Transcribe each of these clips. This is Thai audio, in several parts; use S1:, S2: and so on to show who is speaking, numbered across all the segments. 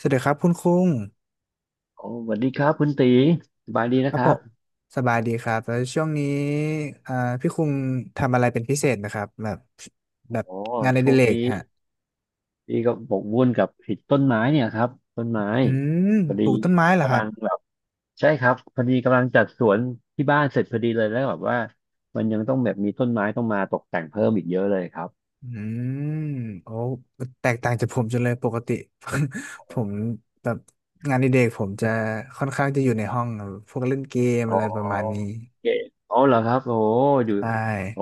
S1: สวัสดีครับคุณคุง
S2: โอ้สวัสดีครับคุณตีสบายดี
S1: ค
S2: นะ
S1: รั
S2: ค
S1: บผ
S2: รับ
S1: มสบายดีครับแล้วช่วงนี้อ่าพี่คุงทำอะไรเป็นพิเศษนะครับแบบแบบ
S2: โอ้
S1: งานอ
S2: ช่
S1: ดิ
S2: วง
S1: เรก
S2: นี้
S1: ฮะ
S2: พี่ก็บกวุ่นกับผิดต้นไม้เนี่ยครับต้นไม้
S1: อืม
S2: พอ
S1: ป
S2: ดี
S1: ลูกต้นไม้เหรอค
S2: กำ
S1: รั
S2: ลั
S1: บ
S2: งแบบใช่ครับพอดีกำลังจัดสวนที่บ้านเสร็จพอดีเลยแล้วแบบว่ามันยังต้องแบบมีต้นไม้ต้องมาตกแต่งเพิ่มอีกเยอะเลยครับ
S1: อืมโอ้แตกต่างจากผมจังเลยปกติ ผมแบบงานอดิเรกผมจะค่อนข้างจะอยู่ในห้องครับพวกเล่นเกม
S2: อ๋อ
S1: อะไรประมาณนี้
S2: โอเคอ๋อเหรอครับโอ้อยู่
S1: ใช่
S2: โอ้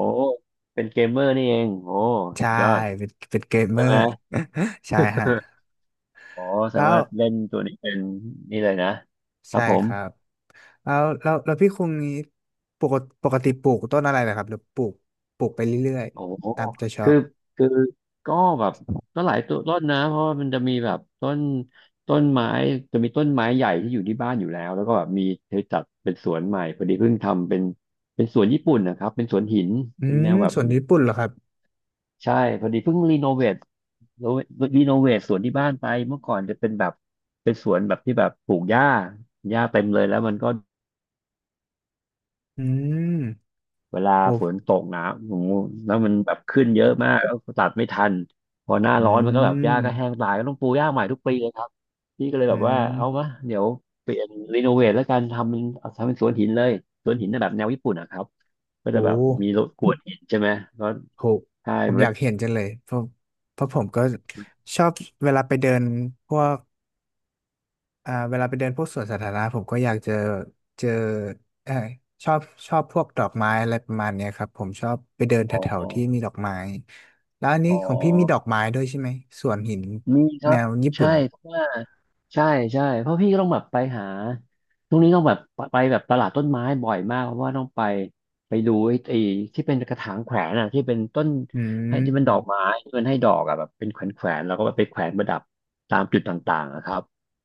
S2: เป็นเกมเมอร์นี่เองโอ้
S1: ใช่
S2: ยอด
S1: เป็นเกมเม
S2: ใช่
S1: อ
S2: ไหม
S1: ร์ ใช่ฮะ
S2: อ๋อแสด
S1: แล้
S2: ง
S1: ว
S2: ว่าเล่นตัวนี้เป็นนี่เลยนะครั
S1: ใช่
S2: บผ
S1: ค
S2: ม
S1: รับ แล้วพี่คงนี้ปกติปลูกต้นอะไรนะครับหรือปลูกไปเรื่อย
S2: โอ้โห
S1: ๆตามใจชอ
S2: คือ
S1: บ
S2: คือก็แบบก็หลายตัวต้นนะเพราะว่ามันจะมีแบบต้นไม้จะมีต้นไม้ใหญ่ที่อยู่ที่บ้านอยู่แล้วแล้วก็แบบมีเธอจัดเป็นสวนใหม่พอดีเพิ่งทำเป็นเป็นสวนญี่ปุ่นนะครับเป็นสวนหิน
S1: อื
S2: เป็นแน
S1: ม
S2: วแบบ
S1: ส่วนญี่ปุ่นเหรอครับ
S2: ใช่พอดีเพิ่งรีโนเวทรีโนเวทสวนที่บ้านไปเมื่อก่อนจะเป็นแบบเป็นสวนแบบที่แบบปลูกหญ้าหญ้าเต็มเลยแล้วมันก็
S1: อืม
S2: เวลา
S1: โอ้
S2: ฝนตกหนาโอ้โหแล้วมันแบบขึ้นเยอะมากแล้วตัดไม่ทัน พอหน้า
S1: อื
S2: ร้อนมันก็แบบหญ้า
S1: ม
S2: ก็แห้งตายก็ต้องปลูกหญ้าใหม่ทุกปีเลยครับ พี่ก็เลยแบ
S1: อื
S2: บว่า
S1: ม
S2: เอามาเดี๋ยวเปลี่ยนรีโนเวทแล้วกัน ทำเป็นทำเป็นสวนหินเลย สวนหินน่ะแบบแนวญี่ปุ่นนะครับก็
S1: โห
S2: จะแบบมีรถกวนหินใช่ไหมก็
S1: โห
S2: ใช่
S1: ผ
S2: มั
S1: ม
S2: น
S1: อ
S2: ก็
S1: ยากเห็นจังเลยเพราะผมก็ชอบเวลาไปเดินพวก อ่าเวลาไปเดินพวกสวนสาธารณะผมก็อยากเจอเจอเออชอบพวกดอกไม้อะไรประมาณเนี้ยครับผมชอบไปเดินแถ
S2: อ๋
S1: ว
S2: อ
S1: ๆที่มีดอกไม้แล้วอันนี้
S2: อ๋อ
S1: ของพี่มีดอกไม้ด้วยใช่ไหมสวนหิน
S2: มีครั
S1: แน
S2: บ
S1: วญี่
S2: ใช่
S1: ปุ่น
S2: เพราะว่าใช่ใช่เพราะพี่ก็ต้องแบบไปหาช่วงนี้ต้องแบบไปแบบตลาดต้นไม้บ่อยมากเพราะว่าต้องไปไปดูไอ้ที่เป็นกระถางแขวนอ่ะที่เป็นต้น
S1: อื
S2: ให้
S1: ม
S2: ที่เป็นดอกไม้ที่มันให้ดอกอ่ะแบบเป็นแขวนแขวนแล้วก็ไปแขวนประดับตามจุดต่างๆนะครับ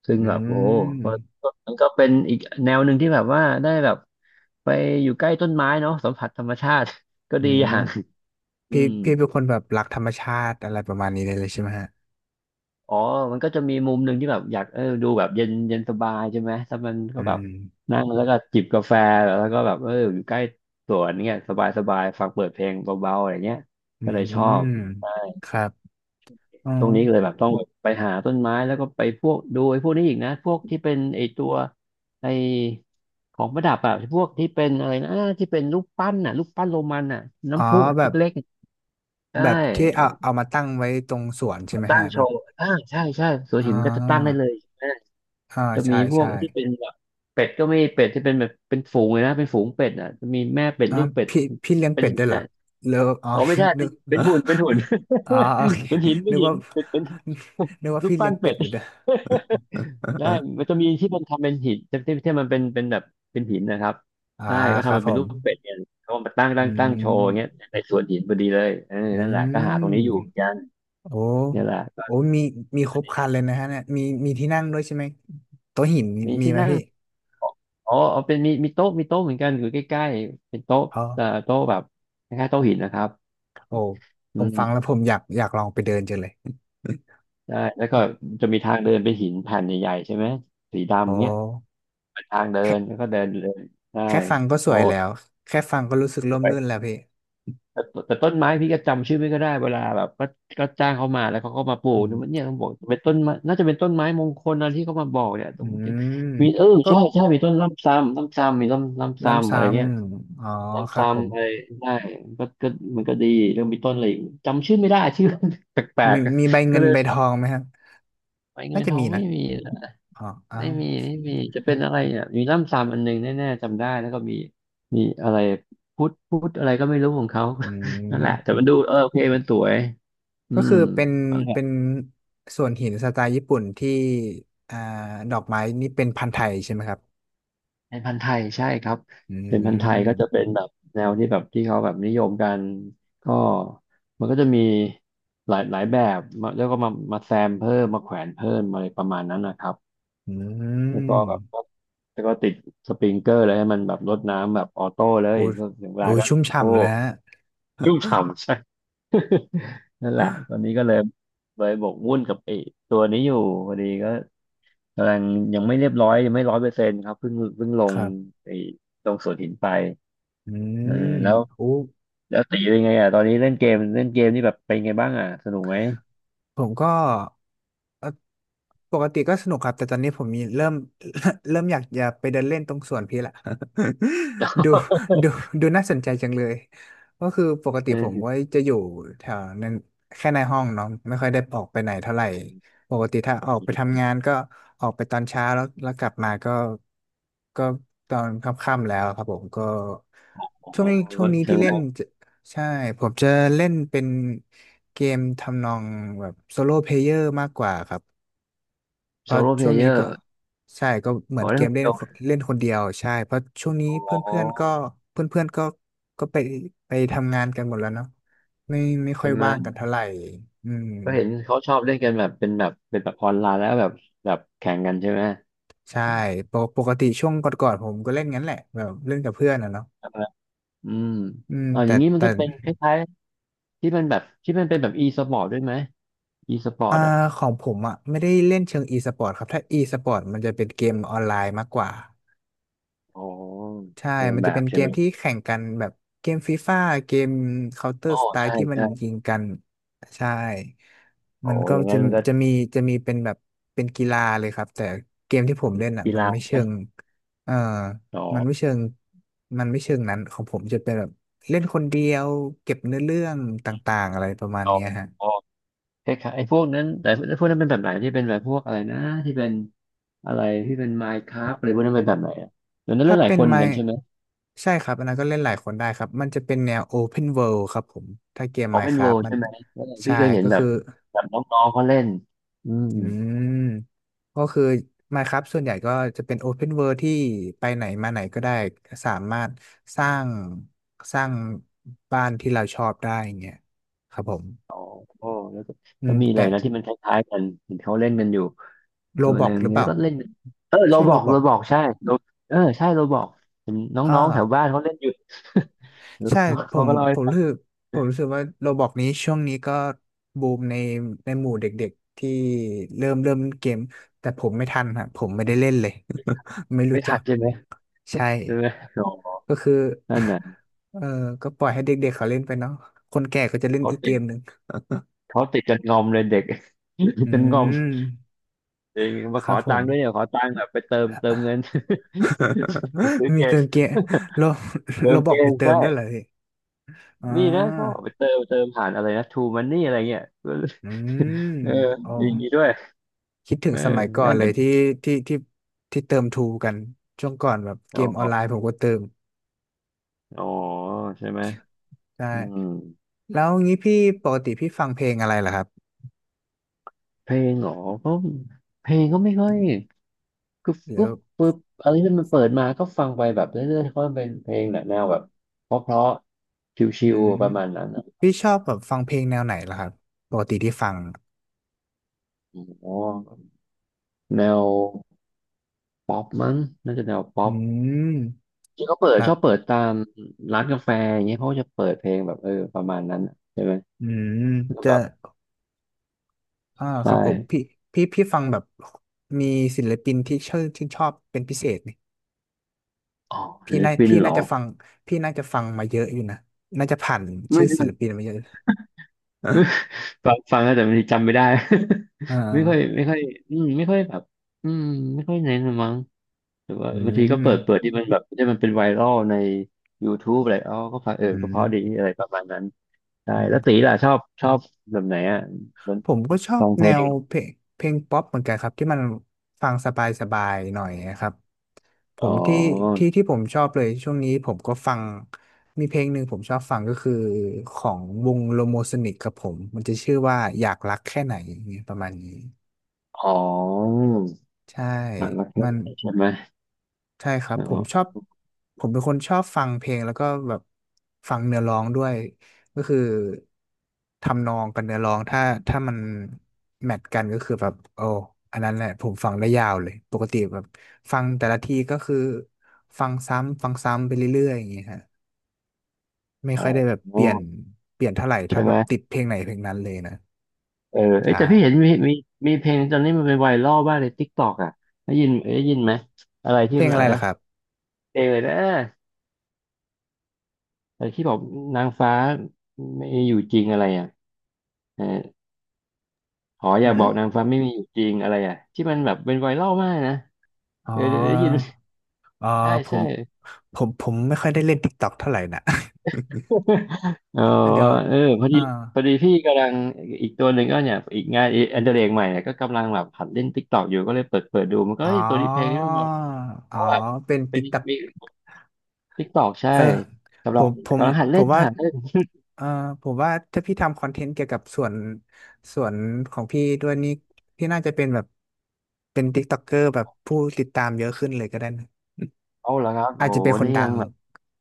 S2: ซึ่ง
S1: อื
S2: แบบโอ้
S1: ม
S2: ก็ก็มันก็เป็นอีกแนวหนึ่งที่แบบว่าได้แบบไปอยู่ใกล้ต้นไม้เนาะสัมผัสธรรมชาติ ก็
S1: อื
S2: ดีอย่า
S1: ม
S2: งอื
S1: พี่
S2: ม
S1: พี่เป็นคนแบบรักธรรมชาติอะไรประมาณนี้เลยใช่ไหมฮะ
S2: อ๋อมันก็จะมีมุมหนึ่งที่แบบอยากดูแบบเย็นเย็นสบายใช่ไหม ถ้ามันก็
S1: อื
S2: แบบ
S1: ม
S2: นั่งแล้วก็จิบกาแฟแล้วก็แบบอยู่ใกล้สวนเนี่ยสบายสบายฟังเปิดเพลงเบาๆอะไรเงี้ย
S1: อื
S2: ก็เลยชอ
S1: ม
S2: บใช่
S1: ครับอ๋อ
S2: ช่วงนี้ก็เลยแบบต้องไปหาต้นไม้แล้วก็ไปพวกดูไอ้พวกนี้อีกนะพวกที่เป็นไอ้ตัวไอ้ของประดับอะพวกที่เป็นอะไรนะที่เป็นรูปปั้นอะรูปปั้นโรมันอะ
S1: อ๋อ
S2: น้ำพุ
S1: แบ
S2: เ
S1: บ
S2: ล็กๆใช่
S1: แบบที่เอามาตั้งไว้ตรงสวนใช่ไหม
S2: ตั้
S1: ฮะ
S2: งโช
S1: แบบ
S2: ว์อ่าใช่ใช่สวน
S1: อ่
S2: หินมันก็จะตั้งได้เลย
S1: า อ่า
S2: จะมี
S1: ใช่
S2: พวก
S1: ใช่
S2: ที่เป็นแบบเป็ดก็มีเป็ดที่เป็นแบบเป็นฝูงเลยนะเป็นฝูงเป็ดอ่ะจะมีแม่เป็ด
S1: อ่า
S2: ลูกเป็ด
S1: พี่เลี้ยง
S2: เป็น
S1: เป็ด
S2: หิ
S1: ด้ว
S2: น
S1: ยเหรอ
S2: อ่ะ
S1: เลิกอ๋อ
S2: อ๋อไม่ใช่
S1: นึ
S2: เป็น
S1: ก
S2: เป็นหุ่นเป็นหุ่น
S1: อ๋อโอเค
S2: เป็นหินเป็น
S1: นึก
S2: หิน
S1: ว่า
S2: เป็ดเป็น รูป
S1: พี่
S2: ปั้
S1: เลี้ย
S2: น
S1: งเป็
S2: เป็
S1: ด
S2: ด
S1: อยู่ด้วย
S2: ใช่ มันจะมีที่มันทำเป็นหินที่ที่มันเป็นเป็นแบบเป็นหินนะครับ
S1: อ่า
S2: ใช่ก็
S1: ครั
S2: ทำ
S1: บ
S2: มัน
S1: ผ
S2: เป็นรู
S1: ม
S2: ปเป็ดเนี่ยเขามา
S1: อื
S2: ตั้งโช
S1: ม
S2: ว์อย่างเงี้ยในสวนหินพอดีเลยเออ
S1: อื
S2: นั่นแหละก็หาตร
S1: ม
S2: งนี้อยู่เหมือนกัน
S1: โอ้
S2: เนี่ยแหละก็
S1: โอ้มีครบครันเลยนะฮะเนี่ยมีที่นั่งด้วยใช่ไหมโต๊ะหิน
S2: มี
S1: มี
S2: ที่
S1: ไหม
S2: นั่ง
S1: พี่
S2: อ๋อเอาเป็นมีโต๊ะมีโต๊ะเหมือนกันอยู่ใกล้ๆเป็นโต๊ะ
S1: อ๋อ
S2: โต๊ะแบบคล้ายๆโต๊ะหินนะครับ
S1: โอ้
S2: อื
S1: ผมฟั
S2: ม
S1: งแล้วผมอยากลองไปเดินจังเลย
S2: ใช่แล้วก็จะมีทางเดินเป็นหินแผ่นใหญ่ๆใช่ไหมสีดำ
S1: โอ้
S2: เงี้ยเป็นทางเดินแล้
S1: แค่
S2: วก็เดินเดินได้
S1: ฟังก็ส
S2: โอ้
S1: วยแล้วแค่ฟังก็รู้สึก
S2: ส
S1: ร่ม
S2: ว
S1: รื่น
S2: ย
S1: แล้วพี่
S2: แต่แต่ต้นไม้พี่ก็จำชื่อไม่ก็ได้เวลาแบบก็ก็จ้างเขามาแล้วเขาก็มาปลู
S1: อื
S2: กเนี่ยมันเนี่ย
S1: ม
S2: เขาบอกเป็นต้นไม้น่าจะเป็นต้นไม้มงคลอะไรที่เขามาบอกเนี่ยต
S1: อื
S2: รง
S1: ม
S2: มีเออ
S1: ก็
S2: ใช่ใช่มีต้นล่ำซ้ำล่ำซ้ำมีล่ำล่ำ
S1: ล้ำ
S2: ซ้ำอะ
S1: ซ้
S2: ไรเงี้ย
S1: ำอ๋อ
S2: ซ
S1: ครับผ
S2: ้ำ
S1: ม
S2: ๆอะไรได้ก็ก็มันก็ดีเรื่องมีต้นอะไรอีกจำชื่อไม่ได้ชื่อ แปล
S1: มี
S2: ก
S1: ใบ
S2: ๆก็
S1: เงิน
S2: เลย
S1: ใบทองไหมครับ
S2: ไป
S1: น่า
S2: เงิน
S1: จะ
S2: ทอ
S1: มี
S2: ง
S1: นะ
S2: ไม่มีละ
S1: อ๋ออ้า
S2: ไม่
S1: ว
S2: มีไม่มีจะเป็นอะไรเนี่ยมีล่ำซ้ำอันหนึงแน่ๆจำได้แล้วก็มีมีอะไรพุทธอะไรก็ไม่รู้ของเขา
S1: อื
S2: นั่นแหละแต่มั
S1: ม
S2: นดูเออโอเคมันสวยอื
S1: ก็
S2: ม
S1: คือเป็นส่วนหินสไตล์ญี่ปุ่นที่อ่าดอกไม้นี่เป็นพันธุ์ไทยใช่ไหมครับ
S2: เป็นพันธุ์ไทยใช่ครับ
S1: อื
S2: เป็นพันธุ์ไทยก็จะเป็
S1: ม
S2: นแบบแนวที่แบบที่เขาแบบนิยมกันก็มันก็จะมีหลายหลายแบบมาแล้วก็มามาแซมเพิ่มมาแขวนเพิ่มอะไรประมาณนั้นนะครับ
S1: อื
S2: แล้วก็แบ
S1: ม
S2: บแล้วก็ติดสปริงเกอร์เลยให้มันแบบรดน้ำแบบออโต้เลย
S1: โอ้
S2: ก็ถึงเวลา
S1: โห
S2: ก็
S1: ชุ่ม
S2: โอ้
S1: ฉ่ำเลยฮะ
S2: ชุ่มฉ่ำใช่ นั่นแหละตอนนี้ก็เลยบกวุ่นกับไอ้ตัวนี้อยู่พอดีก็กำลังยังไม่เรียบร้อยยังไม่ร้อยเปอร์เซ็นต์ครับเพิ่งล
S1: ค
S2: ง
S1: รับ
S2: ไอ้ลงสวนหินไป
S1: อื
S2: เออ
S1: ม
S2: แล้ว
S1: โอ้
S2: แล้วตีเป็นไงอ่ะตอนนี้เล่นเกมนี่แบบเป็นไงบ้างอ่ะสนุกไหม
S1: ผมก็เอ่อปกติก็สนุกครับแต่ตอนนี้ผมมีเริ่ม เริ่มอยากจะไปเดินเล่นตรงสวนพี่ละ ดูดูน่าสนใจจังเลยก็คือปกติ
S2: เอ
S1: ผมไว้
S2: อ
S1: จะอยู่แถวนั้นแค่ในห้องเนาะไม่ค่อยได้ออกไปไหนเท่าไหร่ปกติถ้าออกไปทำงานก็ออกไปตอนเช้าแล้วกลับมาก็ก็ตอนค่ำๆแล้วครับผมก็
S2: อ๋อ
S1: ช่วง
S2: ก็
S1: นี้
S2: เชิ
S1: ที่
S2: ง
S1: เล่น ใช่ผมจะเล่นเป็นเกมทำนองแบบโซโล่เพลเยอร์มากกว่าครับเพ
S2: โซ
S1: ราะ
S2: โล่เพ
S1: ช่
S2: ล
S1: วง
S2: เย
S1: นี้
S2: อ
S1: ก็
S2: ร์
S1: ใช่ก็เห
S2: ข
S1: มือ
S2: อ
S1: นเก
S2: เล่น
S1: ม
S2: คน
S1: เล่
S2: เดี
S1: น
S2: ยว
S1: เล่นคนเดียวใช่เพราะช่วงนี้
S2: อ๋
S1: เพื่อนๆ
S2: อ
S1: ก็เพื่อนๆก็ก็ไปทำงานกันหมดแล้วเนาะไม่ค่
S2: เป็
S1: อย
S2: นไหม
S1: ว่างกันเท่าไหร่อืม
S2: ก็เห็นเขาชอบเล่นกันแบบเป็นแบบเป็นแบบออนไลน์แล้วแบบแบบแข่งกันใช่ไหม
S1: ใช่ปกติช่วงก่อนๆผมก็เล่นงั้นแหละแบบเล่นกับเพื่อนอะเนาะ
S2: อืม
S1: อืม
S2: อ๋ออ
S1: แต่
S2: ย่างนี้มันก็เป็นคล้ายๆที่มันแบบที่มันเป็นแบบ e สปอร์ตด้วยไหม e สปอ
S1: อ่า
S2: ร์ตอ่ะ
S1: ของผมอ่ะไม่ได้เล่นเชิงอีสปอร์ตครับถ้าอีสปอร์ตมันจะเป็นเกมออนไลน์มากกว่า
S2: อ๋อ
S1: ใช่
S2: คนละ
S1: มัน
S2: แบ
S1: จะเป็
S2: บ
S1: นเก
S2: ใช่ไห
S1: ม
S2: ม
S1: ที่แข่งกันแบบเกมฟีฟ่าเกม Counter
S2: อ๋อใช่
S1: Strike ที่มัน
S2: ใช่
S1: ยิงกันใช่มั
S2: อ๋อ
S1: นก็
S2: อย่างงั้
S1: จะ
S2: นมันก็
S1: จะมีจะมีเป็นแบบเป็นกีฬาเลยครับแต่เกมที่ผมเล่นอ่ะ
S2: กี
S1: มัน
S2: ฬา
S1: ไม่เชิงเอ่อ
S2: ต่อ
S1: มันไม่เชิงนั้นของผมจะเป็นแบบเล่นคนเดียวเก็บเนื้อเรื่องต่างๆอะไรประมาณ
S2: ต่อ
S1: เนี้ยฮะ
S2: คล้ายๆไอ้พวกนั้นแต่พวกนั้นเป็นแบบไหนที่เป็นแบบพวกอะไรนะที่เป็นอะไรที่เป็น Minecraft อะไรพวกนั้นเป็นแบบไหนอ่ะเดี๋ยวนั้นเล่
S1: ถ้า
S2: นหลาย
S1: เป็
S2: ค
S1: น
S2: นเหมือ
S1: ไม่
S2: นกันใช่ไหม
S1: ใช่ครับอันนั้นก็เล่นหลายคนได้ครับมันจะเป็นแนว Open World ครับผมถ้าเกม
S2: ออเพนเว
S1: Minecraft มัน
S2: ใช่ไหมเออพี่
S1: ใช่
S2: เคยเห็น
S1: ก็
S2: แบ
S1: คื
S2: บ
S1: อ
S2: แบบน้องๆเขาเล่นอืม
S1: อืมก็คือ Minecraft ส่วนใหญ่ก็จะเป็น Open World ที่ไปไหนมาไหนก็ได้สามารถสร้างสร้างบ้านที่เราชอบได้อย่างเงี้ยครับผม
S2: อ๋อแล้วก็
S1: อื
S2: แล้
S1: ม
S2: วมีอะ
S1: แต่
S2: ไรนะที่มันคล้ายๆกันเห็นเขาเล่นกันอยู่
S1: โร
S2: ตัว
S1: บ
S2: ห
S1: อ
S2: นึ่
S1: ก
S2: ง
S1: หรือเป
S2: เนี่ย
S1: ล่า
S2: ก็เล่นเออเรา
S1: ใช่
S2: บ
S1: โร
S2: อก
S1: บอ
S2: เรา
S1: ก
S2: บอกใช่ Ro- เออใช่เราบอกเห็น
S1: อ่า
S2: น้องๆแถวบ้านเขาเล่นอยู่
S1: ใช่ ผ
S2: เขา
S1: ม
S2: ก็เล่าให้ฟัง
S1: ผมรู้สึกว่าโรบอกนี้ช่วงนี้ก็บูมในในหมู่เด็กๆที่เริ่มเล่นเกมแต่ผมไม่ทันฮะผมไม่ได้เล่นเลย ไม่รู้
S2: ไม่
S1: จั
S2: ทั
S1: ก
S2: นใช่ไหม
S1: ใช่
S2: ใช่ไหมอ๋อ
S1: ก็คือ
S2: นั่นน่
S1: เออก็ปล่อยให้เด็กๆเขาเล่นไปเนาะคนแก่ก็จะเล่นอีกเกม
S2: ะ
S1: หนึ่ง
S2: เขาติดจนงอมเลยเด็ก ติด
S1: อื
S2: จนงอม
S1: ม
S2: จริงมา
S1: ค
S2: ข
S1: รั
S2: อ
S1: บผ
S2: ตั
S1: ม
S2: งค์ด้วยเนี่ยขอตังค์แบบไปเติมเงิน ไปซื้อ เก
S1: มี
S2: ม
S1: เติมเกมเรา
S2: เติ
S1: เรา
S2: ม
S1: บ
S2: เก
S1: อก
S2: ม
S1: มีเติ
S2: ใช่
S1: มด้วยเหรอพี่อ่
S2: นี่นะเขาบอ
S1: า
S2: กไปเติมผ่านอะไรนะทูมันนี่อะไรเงี้ย
S1: อืม
S2: เออ
S1: อ๋อ
S2: อย่างนี้ด้วย
S1: คิดถึ
S2: เอ
S1: ง
S2: อ
S1: สมัยก่อน
S2: นั่น
S1: เล
S2: น่ะ
S1: ย
S2: ดิ
S1: ที่ที่ที่ที่เติมทูกัน ช่วงก่อนแบบเก
S2: อ๋
S1: มออ
S2: อ
S1: นไลน์ผมก็เติม
S2: อ๋อใช่ไหมอืม
S1: ใช่ แล้วงี้พี่ปกติพี่ฟังเพลงอะไรเหรอครับ
S2: เพลงเหรอก็เพลงก็ไม่ค่อยกรุ๊บก
S1: เดี๋ย
S2: รุ๊
S1: ว
S2: บป๊บอะไรที่มันเปิดมาก็ฟังไปแบบเรื่อยๆเพราะมันเป็นเพลงแนวแบบเพราะๆชิ
S1: อื
S2: ว
S1: ม
S2: ๆประมาณนั้นอะ
S1: พี่ชอบแบบฟังเพลงแนวไหนล่ะครับปกติที่ฟัง
S2: อ๋อ แนวป๊อปมั้งน่าจะแนวป๊อ
S1: อื
S2: ป
S1: ม
S2: ที่เขาเปิดช
S1: แบบ
S2: อบเปิดตามร้านกาแฟอย่างเงี้ยเขาก็จะเปิดเพลงแบบเออประมาณนั้นน่ะใช่ไหม
S1: อืม
S2: ก็
S1: จะ
S2: แบบ
S1: อ่าค
S2: ใช่
S1: รับผมพี่พี่ฟังแบบมีศิลปินที่ชื่อชื่นชอบเป็นพิเศษนี่
S2: อ๋อศิลปิน
S1: พี่
S2: เหร
S1: น่า
S2: อ
S1: จะฟังพี่น่าจะฟังมาเยอะอยู่นะน่าจะผ่าน
S2: ไม่
S1: ชื่อ
S2: ไม่
S1: ศิ
S2: ไม
S1: ลปินมาเยอะ
S2: ่ฟังแล้วแต่บางทีจำไม่ได้
S1: อ่
S2: ไม่ค่อย
S1: า
S2: ไม่ค่อยอืมไม่ค่อยแบบอืมไม่ค่อยเน้นละมั้งหรือว่า
S1: อื
S2: บางทีก็
S1: ม
S2: เปิดที่มันแบบที่มันเป็นไวรัลใน YouTube อะไรอ๋อก็ฟังเออ
S1: อื
S2: ก็เพราะดี
S1: ม
S2: อะไรประมาณนั้นใช่
S1: อื
S2: แล้
S1: ม
S2: วตีล่ะชอบแบบไหนอ่ะ
S1: ผมก็ชอ
S2: ฟ
S1: บ
S2: องเพ
S1: แน
S2: ล
S1: ว
S2: ง
S1: เพลงเพลงป๊อปเหมือนกันครับที่มันฟังสบายๆหน่อยนะครับผ
S2: อ๋อ
S1: มที่ที่ผมชอบเลยช่วงนี้ผมก็ฟังมีเพลงหนึ่งผมชอบฟังก็คือของวงโลโมโซนิกครับผมมันจะชื่อว่าอยากรักแค่ไหนอย่างเงี้ยประมาณนี้
S2: อ๋อ
S1: ใช่
S2: หนักรักแค่
S1: มัน
S2: ไหนใช่ไหม
S1: ใช่ครับ
S2: อ๋
S1: ผมชอ
S2: อ
S1: บผมเป็นคนชอบฟังเพลงแล้วก็แบบฟังเนื้อร้องด้วยก็คือทำนองกับเนื้อร้องถ้าถ้ามันแมทกันก็คือแบบโอ้อันนั้นแหละผมฟังได้ยาวเลยปกติแบบฟังแต่ละทีก็คือฟังซ้ำฟังซ้ำไปเรื่อยๆอย่างเงี้ยฮะไม่
S2: อ๋อ
S1: ค่อยได้แบบเปลี่ยนเปลี่ยนเท่าไหร่ถ้า
S2: ใช่
S1: แบ
S2: ไหม
S1: บติดเพลงไหนเพลงนั้นเลยนะ
S2: เออเอ้ย
S1: ใช่
S2: แต่พี่เห็นมีเพลงตอนนี้มันเป็นไวรัลบ้างในทิกตอกอ่ะได้ยินไหมอะไร
S1: เพ
S2: ที่
S1: ล
S2: มั
S1: ง
S2: น
S1: อะ
S2: อะ
S1: ไร
S2: ไร
S1: ล่ะ
S2: นะ
S1: ครับ
S2: เพลงอะไรนะอะไรที่บอกนางฟ้าไม่อยู่จริงอะไรอ่ะเออขออ
S1: หื
S2: ย่าบ
S1: ม
S2: อกนางฟ้าไม่มีอยู่จริงอะไรอ่ะที่มันแบบเป็นไวรัลมากนะ
S1: อ๋
S2: เออเออได้ยิน
S1: อเออ
S2: ใช่
S1: ผ
S2: ใช่
S1: มผมไม่ค่อยได้เล่น TikTok เท่าไหร่นะ
S2: อ๋อ
S1: อ่ะเดี๋ยว
S2: เออพอดี
S1: อ่า
S2: พอดีพี่กำลังอีกตัวหนึ่งก็เนี่ยอีกงานอันเดอร์เรกใหม่เนี่ยก็กำลังแบบหัดเล่นติ๊กตอกอยู่ก็เลยเปิดดูมันก็
S1: อ๋
S2: เอ้
S1: อ
S2: ยตัวนี้เพลงนี้มัน
S1: อ๋
S2: เพ
S1: อ
S2: ราะแบบ
S1: เป็น
S2: เป็
S1: ติ๊
S2: น
S1: กตัก
S2: มีติ๊กตอกใช่
S1: เออผ
S2: กำลัง
S1: มผม
S2: กำลังหัด
S1: ผ
S2: เล่
S1: ม
S2: น
S1: ว่า
S2: หัดเล่น
S1: เออผมว่าถ้าพี่ทำคอนเทนต์เกี่ยวกับส่วน ส่วนของพี่ด้วยนี่พี่น่าจะเป็นแบบ เป็นติ๊กต็อกเกอร์แบบผู้ติดตามเยอะขึ้นเลยก็ได้นะ
S2: เอาเหรอครับ
S1: อาจ
S2: โอ้
S1: จะ
S2: โห
S1: เป็นคน
S2: นี่
S1: ดั
S2: ยัง
S1: ง
S2: แบบ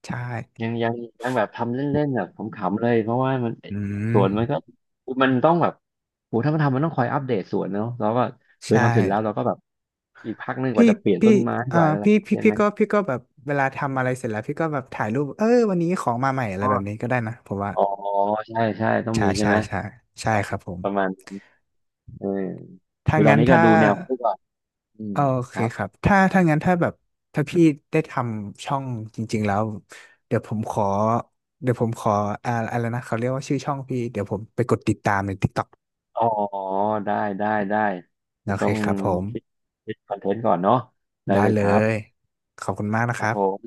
S1: ใช่
S2: ยังยังยังแบบทำเล่นๆแบบขำๆเลยเพราะว่ามัน
S1: อื
S2: ส
S1: ม
S2: วนมันก็มันต้องแบบโอ้ถ้ามันทำมันต้องคอยอัปเดตสวนเนาะแล้วก็เออ
S1: ใช่
S2: ทำเสร็จแล้วเราก็แบบอีกพักหนึงก
S1: พี่
S2: ว่าจะเปลี่ยน
S1: พี่
S2: ต้นไม้
S1: เอ่
S2: ก
S1: อ
S2: ว่าแล้ว
S1: พี่พี่
S2: ใช่
S1: พี่
S2: ไหม
S1: ก็พี่ก็แบบเวลาทำอะไรเสร็จแล้วพี่ก็แบบถ่ายรูปเออวันนี้ของมาใหม่อะไร
S2: อ๋อ
S1: แบบนี้ก็ได้นะ ผมว่า
S2: อ๋อใช่ใช่ต้อง
S1: ใช่
S2: มีใช่
S1: ใช่
S2: ไหม
S1: ใช่ใช่ครับผม
S2: ประมาณนั้นเออ
S1: ถ้า
S2: คือตอ
S1: งั้
S2: น
S1: น
S2: นี้ก็
S1: ถ้า
S2: ดูแนวเขาไปก่อนอื
S1: เอ
S2: ม
S1: อโอ
S2: ค
S1: เค
S2: รับ
S1: ครับถ้าแบบถ้าพี่ได้ทำช่องจริงๆแล้วเดี๋ยวผมขอเดี๋ยวผมขออะไรนะเขาเรียกว่าชื่อช่องพี่เดี๋ยวผมไปกดติดตามใน TikTok
S2: อ๋อ ได้ ได้ ได้
S1: โอ
S2: จะ
S1: เค
S2: ต้อง
S1: ครับผม
S2: คิดคิดคอนเทนต์ก่อนเนาะได้
S1: ได้
S2: เลย
S1: เล
S2: ครั
S1: ย
S2: บ
S1: ขอบคุณมากนะ
S2: ค
S1: ค
S2: รับ
S1: รั
S2: ผม
S1: บ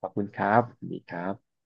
S2: ขอบคุณครับสวัสดีครับ